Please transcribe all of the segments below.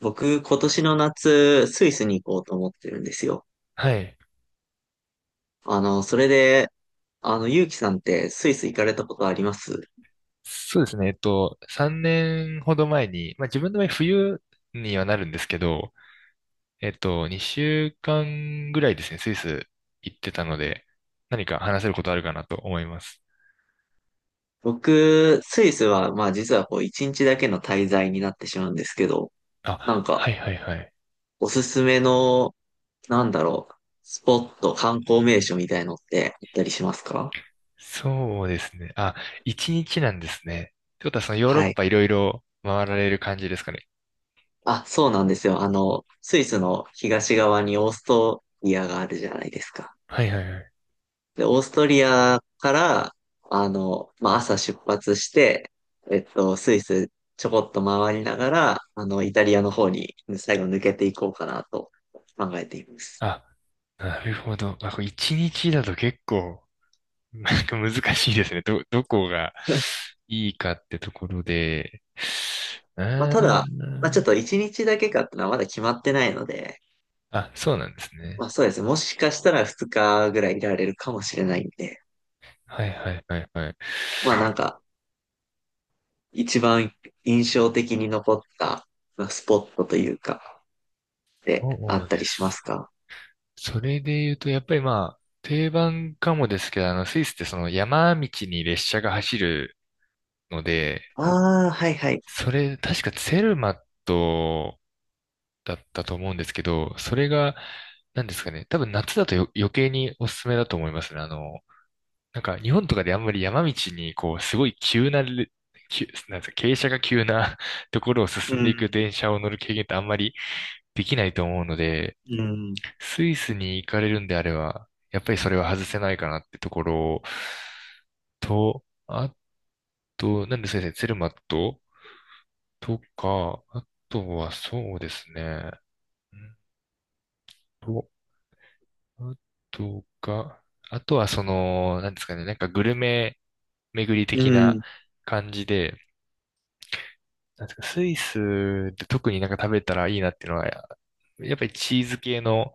僕、今年の夏、スイスに行こうと思ってるんですよ。はい。それで、ゆうきさんってスイス行かれたことあります？そうですね。3年ほど前に、まあ自分の場合冬にはなるんですけど、2週間ぐらいですね、スイス行ってたので、何か話せることあるかなと思います。僕、スイスは、まあ実はこう、一日だけの滞在になってしまうんですけど、なあ、んはか、いはいはい。おすすめの、なんだろう、スポット、観光名所みたいのってあったりしますか？そうですね。あ、1日なんですね。ってことはそのヨーロッはい。パいろいろ回られる感じですかね。あ、そうなんですよ。スイスの東側にオーストリアがあるじゃないですか。はいはいはい。で、オーストリアから、まあ、朝出発して、スイスちょこっと回りながら、イタリアの方に最後抜けていこうかなと考えています。あ、なるほど。あ、これ1日だと結構 なんか難しいですね。どこがいいかってところで。うまあ、たーだ、まあ、ちょっん。と1日だけかってのはまだ決まってないので、あ、そうなんですね。まあ、そうですね。もしかしたら2日ぐらいいられるかもしれないんで、はいはいはいはい。まあ、なんか、一番印象的に残った、まあスポットというか、で、あそっうたでりしますす。か？それで言うと、やっぱりまあ、定番かもですけど、スイスってその山道に列車が走るので、ああー、はいはい。それ、確かツェルマットだったと思うんですけど、それが、なんですかね。多分夏だと余計におすすめだと思いますね。なんか日本とかであんまり山道にこうすごい急なんですか、傾斜が急な ところをう進んでいくん、電車を乗る経験ってあんまりできないと思うので、うん。スイスに行かれるんであれば、やっぱりそれは外せないかなってところと、と、なんで先生、ツェルマットとか、あとはそうですね。うんと、あとが、あとはその、なんですかね、なんかグルメ巡りう的なん。感じで、なんですか、スイスで特になんか食べたらいいなっていうのは、やっぱりチーズ系の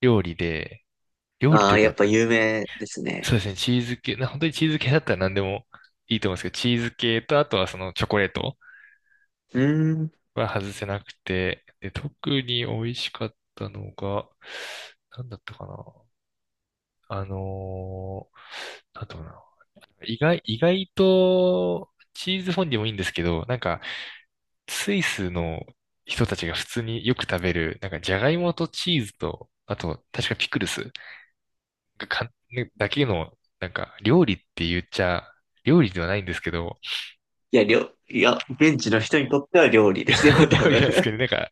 料理で、料理あというあ、やっか、ぱ有名ですね。そうですね、チーズ系、本当にチーズ系だったら何でもいいと思うんですけど、チーズ系と、あとはそのチョコレートうん。は外せなくて、で、特に美味しかったのが、なんだったかな。あのなんだったかな。意外と、チーズフォンデュもいいんですけど、なんか、スイスの人たちが普通によく食べる、なんかジャガイモとチーズと、あと、確かピクルスがかねだけの、なんか料理って言っちゃ、料理ではないんですけど、いや、現地の人にとっては料理ですよ、多料理なんです分。けど、なんか、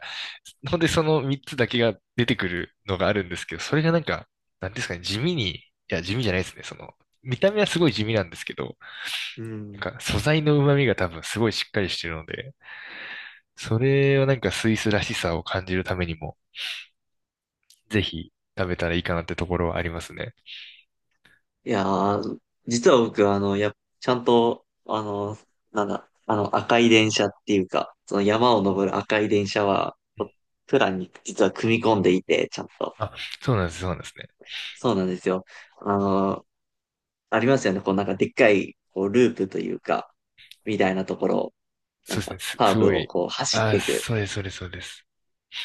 ほんでその3つだけが出てくるのがあるんですけど、それがなんか、なんですかね、地味に、いや、地味じゃないですね、その、見た目はすごい地味なんですけど、うなんん。か素材の旨味が多分すごいしっかりしてるので、それはなんかスイスらしさを感じるためにも、ぜひ食べたらいいかなってところはありますね。いやー、実は僕、ちゃんと、あの、なんだ、あの、赤い電車っていうか、その山を登る赤い電車は、うん、プランに実は組み込んでいて、ちゃんと。あ、そうなんです、そうなんですね。そうなんですよ。あの、ありますよね。こう、なんかでっかい、こう、ループというか、みたいなところを、なんか、カすーごブをい。こう、走っあ、ていく。そうです、そうです、そうです。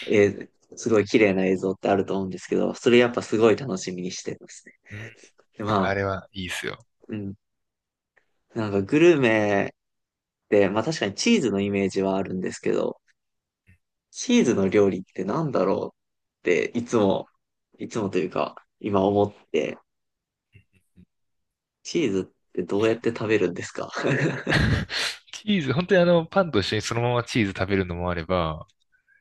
えーすごい綺麗な映像ってあると思うんですけど、それやっぱすごい楽しみにしてますね。うん、で、やっまぱああ、れはいいですよ。うん。なんかグルメって、まあ確かにチーズのイメージはあるんですけど、チーズの料理ってなんだろうっていつも、いつもというか、今思って、チーズってどうやって食べるんですか？ チーズ、本当にパンと一緒にそのままチーズ食べるのもあれば、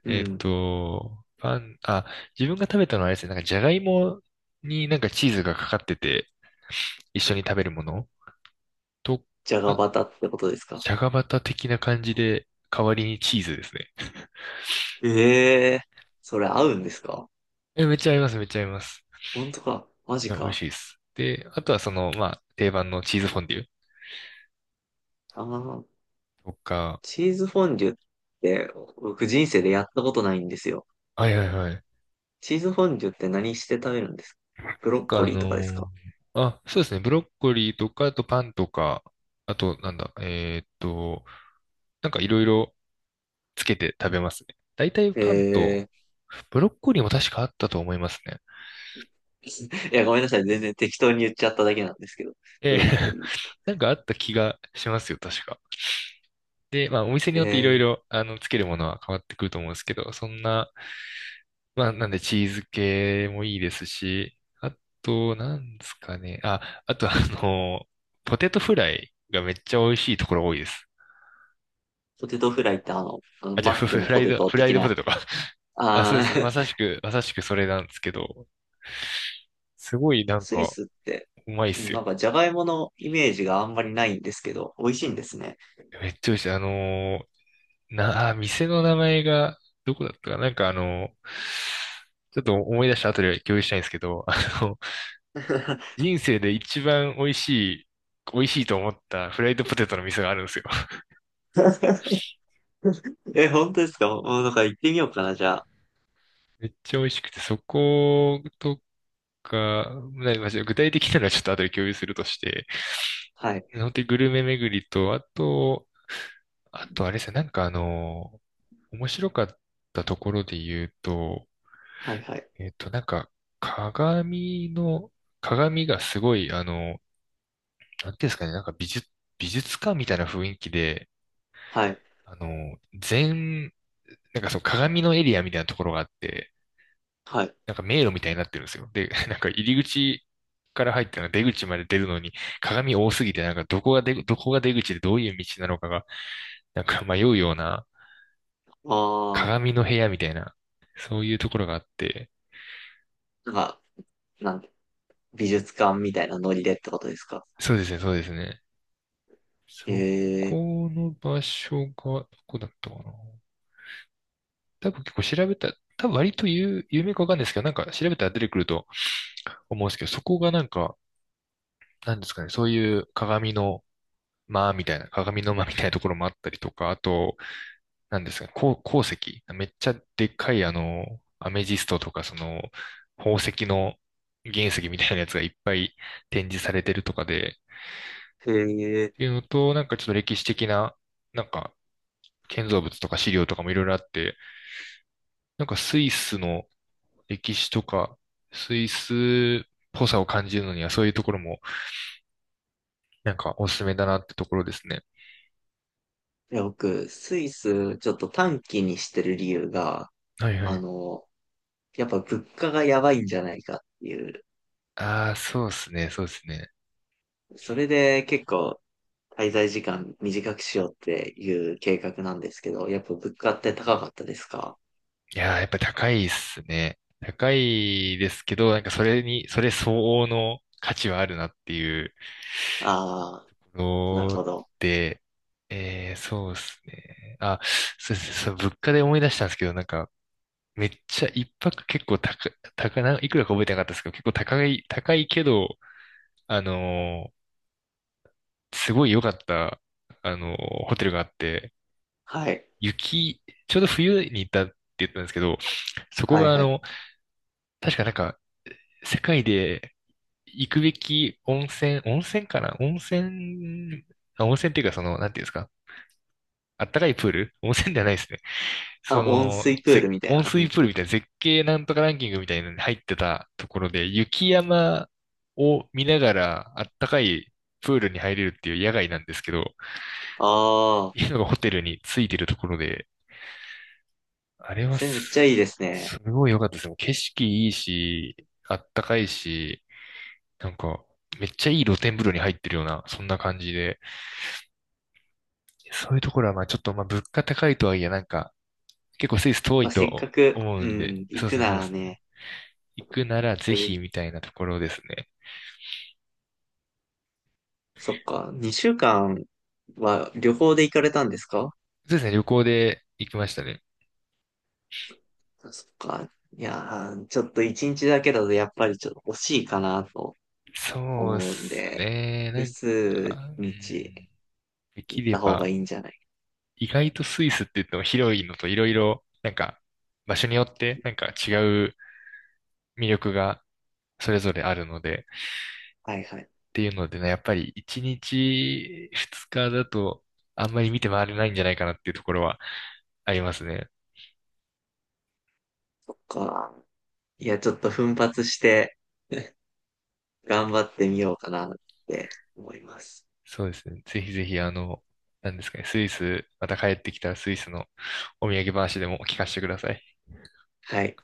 うえっん。と、パン、あ、自分が食べたのはあれですね、なんかじゃがいもになんかチーズがかかってて、一緒に食べるものと、じゃがあ、バタってことですか？じゃがバタ的な感じで、代わりにチーズですね。ええー、それ合うんですか？え、めっちゃ合います、めっちゃ合います。本当かマじジゃあ美味か？しいです。で、あとはその、まあ、定番のチーズフォンデュああ、とか、チーズフォンデュって僕人生でやったことないんですよ。はいはいはい。チーズフォンデュって何して食べるんですか？ブなロんッかコあリーのとかですーか？あ、そうですね、ブロッコリーとか、あとパンとか、あとなんだ、えーっと、なんかいろいろつけて食べますね。大体パンと、えブロッコリーも確かあったと思いますね。ー、いや、ごめんなさい。全然適当に言っちゃっただけなんですけど。えブえ ロッコ リーとか。なんかあった気がしますよ、確か。で、まあお店にえよっていろいー、ろ、つけるものは変わってくると思うんですけど、そんな、まあ、なんでチーズ系もいいですし、あと、なんですかね。あ、あと、あの、ポテトフライがめっちゃ美味しいところ多いです。ポテトフライってあの、あのあ、じゃマあ、ッフ、クフのフラポイテド、トフライ的ドポな、テトか。あ、そうであす。ー、まさしくそれなんですけど、すごい なんスイか、スって、うまいっうすん、よ。なんかジャガイモのイメージがあんまりないんですけど、美味しいんですね。めっちゃ美味しい。あのーな、あ、店の名前が、どこだったかな。ちょっと思い出した後で共有したいんですけど、の、人生で一番美味しい、美味しいと思ったフライドポテトの店があるんですよ。え、本当ですか？もうなんか行ってみようかな、じゃあ。めっちゃ美味しくて、そことか、まあ具体的なのはちょっと後で共有するとして、はい。本当にグルメ巡りと、あと、あとあれですよ面白かったところで言うと、はい、はい。えっと、なんか、鏡の、鏡がすごい、なんていうんですかね、美術館みたいな雰囲気で、はい。あの、全、なんかその鏡のエリアみたいなところがあって、はい。なんか迷路みたいになってるんですよ。で、なんか入り口から入っての出口まで出るのに鏡多すぎて、どこが出口でどういう道なのかが、なんか迷うようなああ、鏡の部屋みたいな、そういうところがあって、なんか、なんか美術館みたいなノリでってことですか？そうですね、そうですね。そへこえ、の場所が、どこだったかな。多分結構調べた、多分割と有名かわかんないですけど、なんか調べたら出てくると思うんですけど、そこがなんか、なんですかね、そういう鏡の間みたいな、鏡の間みたいなところもあったりとか、あと、なんですか、鉱石。めっちゃでっかい、アメジストとか、その、宝石の原石みたいなやつがいっぱい展示されてるとかで、っへえ。ていうのと、なんかちょっと歴史的な、なんか、建造物とか資料とかもいろいろあって、なんかスイスの歴史とか、スイスっぽさを感じるのには、そういうところも、なんかおすすめだなってところですね。いや、僕、スイスちょっと短期にしてる理由が、はいはあい。の、やっぱ物価がやばいんじゃないかっていう、ああ、そうですね、そうですね。それで結構滞在時間短くしようっていう計画なんですけど、やっぱ物価って高かったですか？いやー、やっぱり高いっすね。高いですけど、なんかそれに、それ相応の価値はあるなっていうああー、なるのほど。で、えー、そうですね。あ、そうですね。そう、物価で思い出したんですけど、なんか、めっちゃ一泊結構高、高な、いくらか覚えてなかったですけど、結構高い、高いけど、あのーすごい良かった、ホテルがあって、はい。雪、ちょうど冬に行ったって言ったんですけど、そこはいがあはい。の、確かなんか、世界で行くべき温泉、温泉かな温泉、あ温泉っていうかその、なんていうんですかあったかいプール温泉ではないですね。そあ、温の、水プールみたい温な。う水ん、プールみたいな絶景なんとかランキングみたいなのに入ってたところで、雪山を見ながらあったかいプールに入れるっていう野外なんですけど、あいあ、うのがホテルについてるところで、あれはそれめっちゃいいです、すね。すごい良かったです。もう景色いいし、あったかいし、なんか、めっちゃいい露天風呂に入ってるような、そんな感じで、そういうところは、まあちょっと、まあ物価高いとはいえ、なんか、結構スイス遠まあ、いせっかとく、思ううんで、ん、行そうでくすね、なそうでらすね。ね、行くならぜそういう、ひみたいなところですね。そっか、2週間は旅行で行かれたんですか？そうですね、旅行で行きましたね。そっか、いやー、ちょっと1日だけだとやっぱりちょっと惜しいかなとそうで思うんすで、ね、な複んか、数う日ん、でき行っれた方がば、いいんじゃない？意外とスイスって言っても広いのといろいろ、なんか、場所によって、うん、なんか違う魅力がそれぞれあるので、はいはい。っていうのでね、やっぱり1日2日だとあんまり見て回れないんじゃないかなっていうところはありますね。そっか、いや、ちょっと奮発して 頑張ってみようかなって思います。そうですね。ぜひぜひあの、なんですかね、スイス、また帰ってきたらスイスのお土産話でも聞かせてください。はい。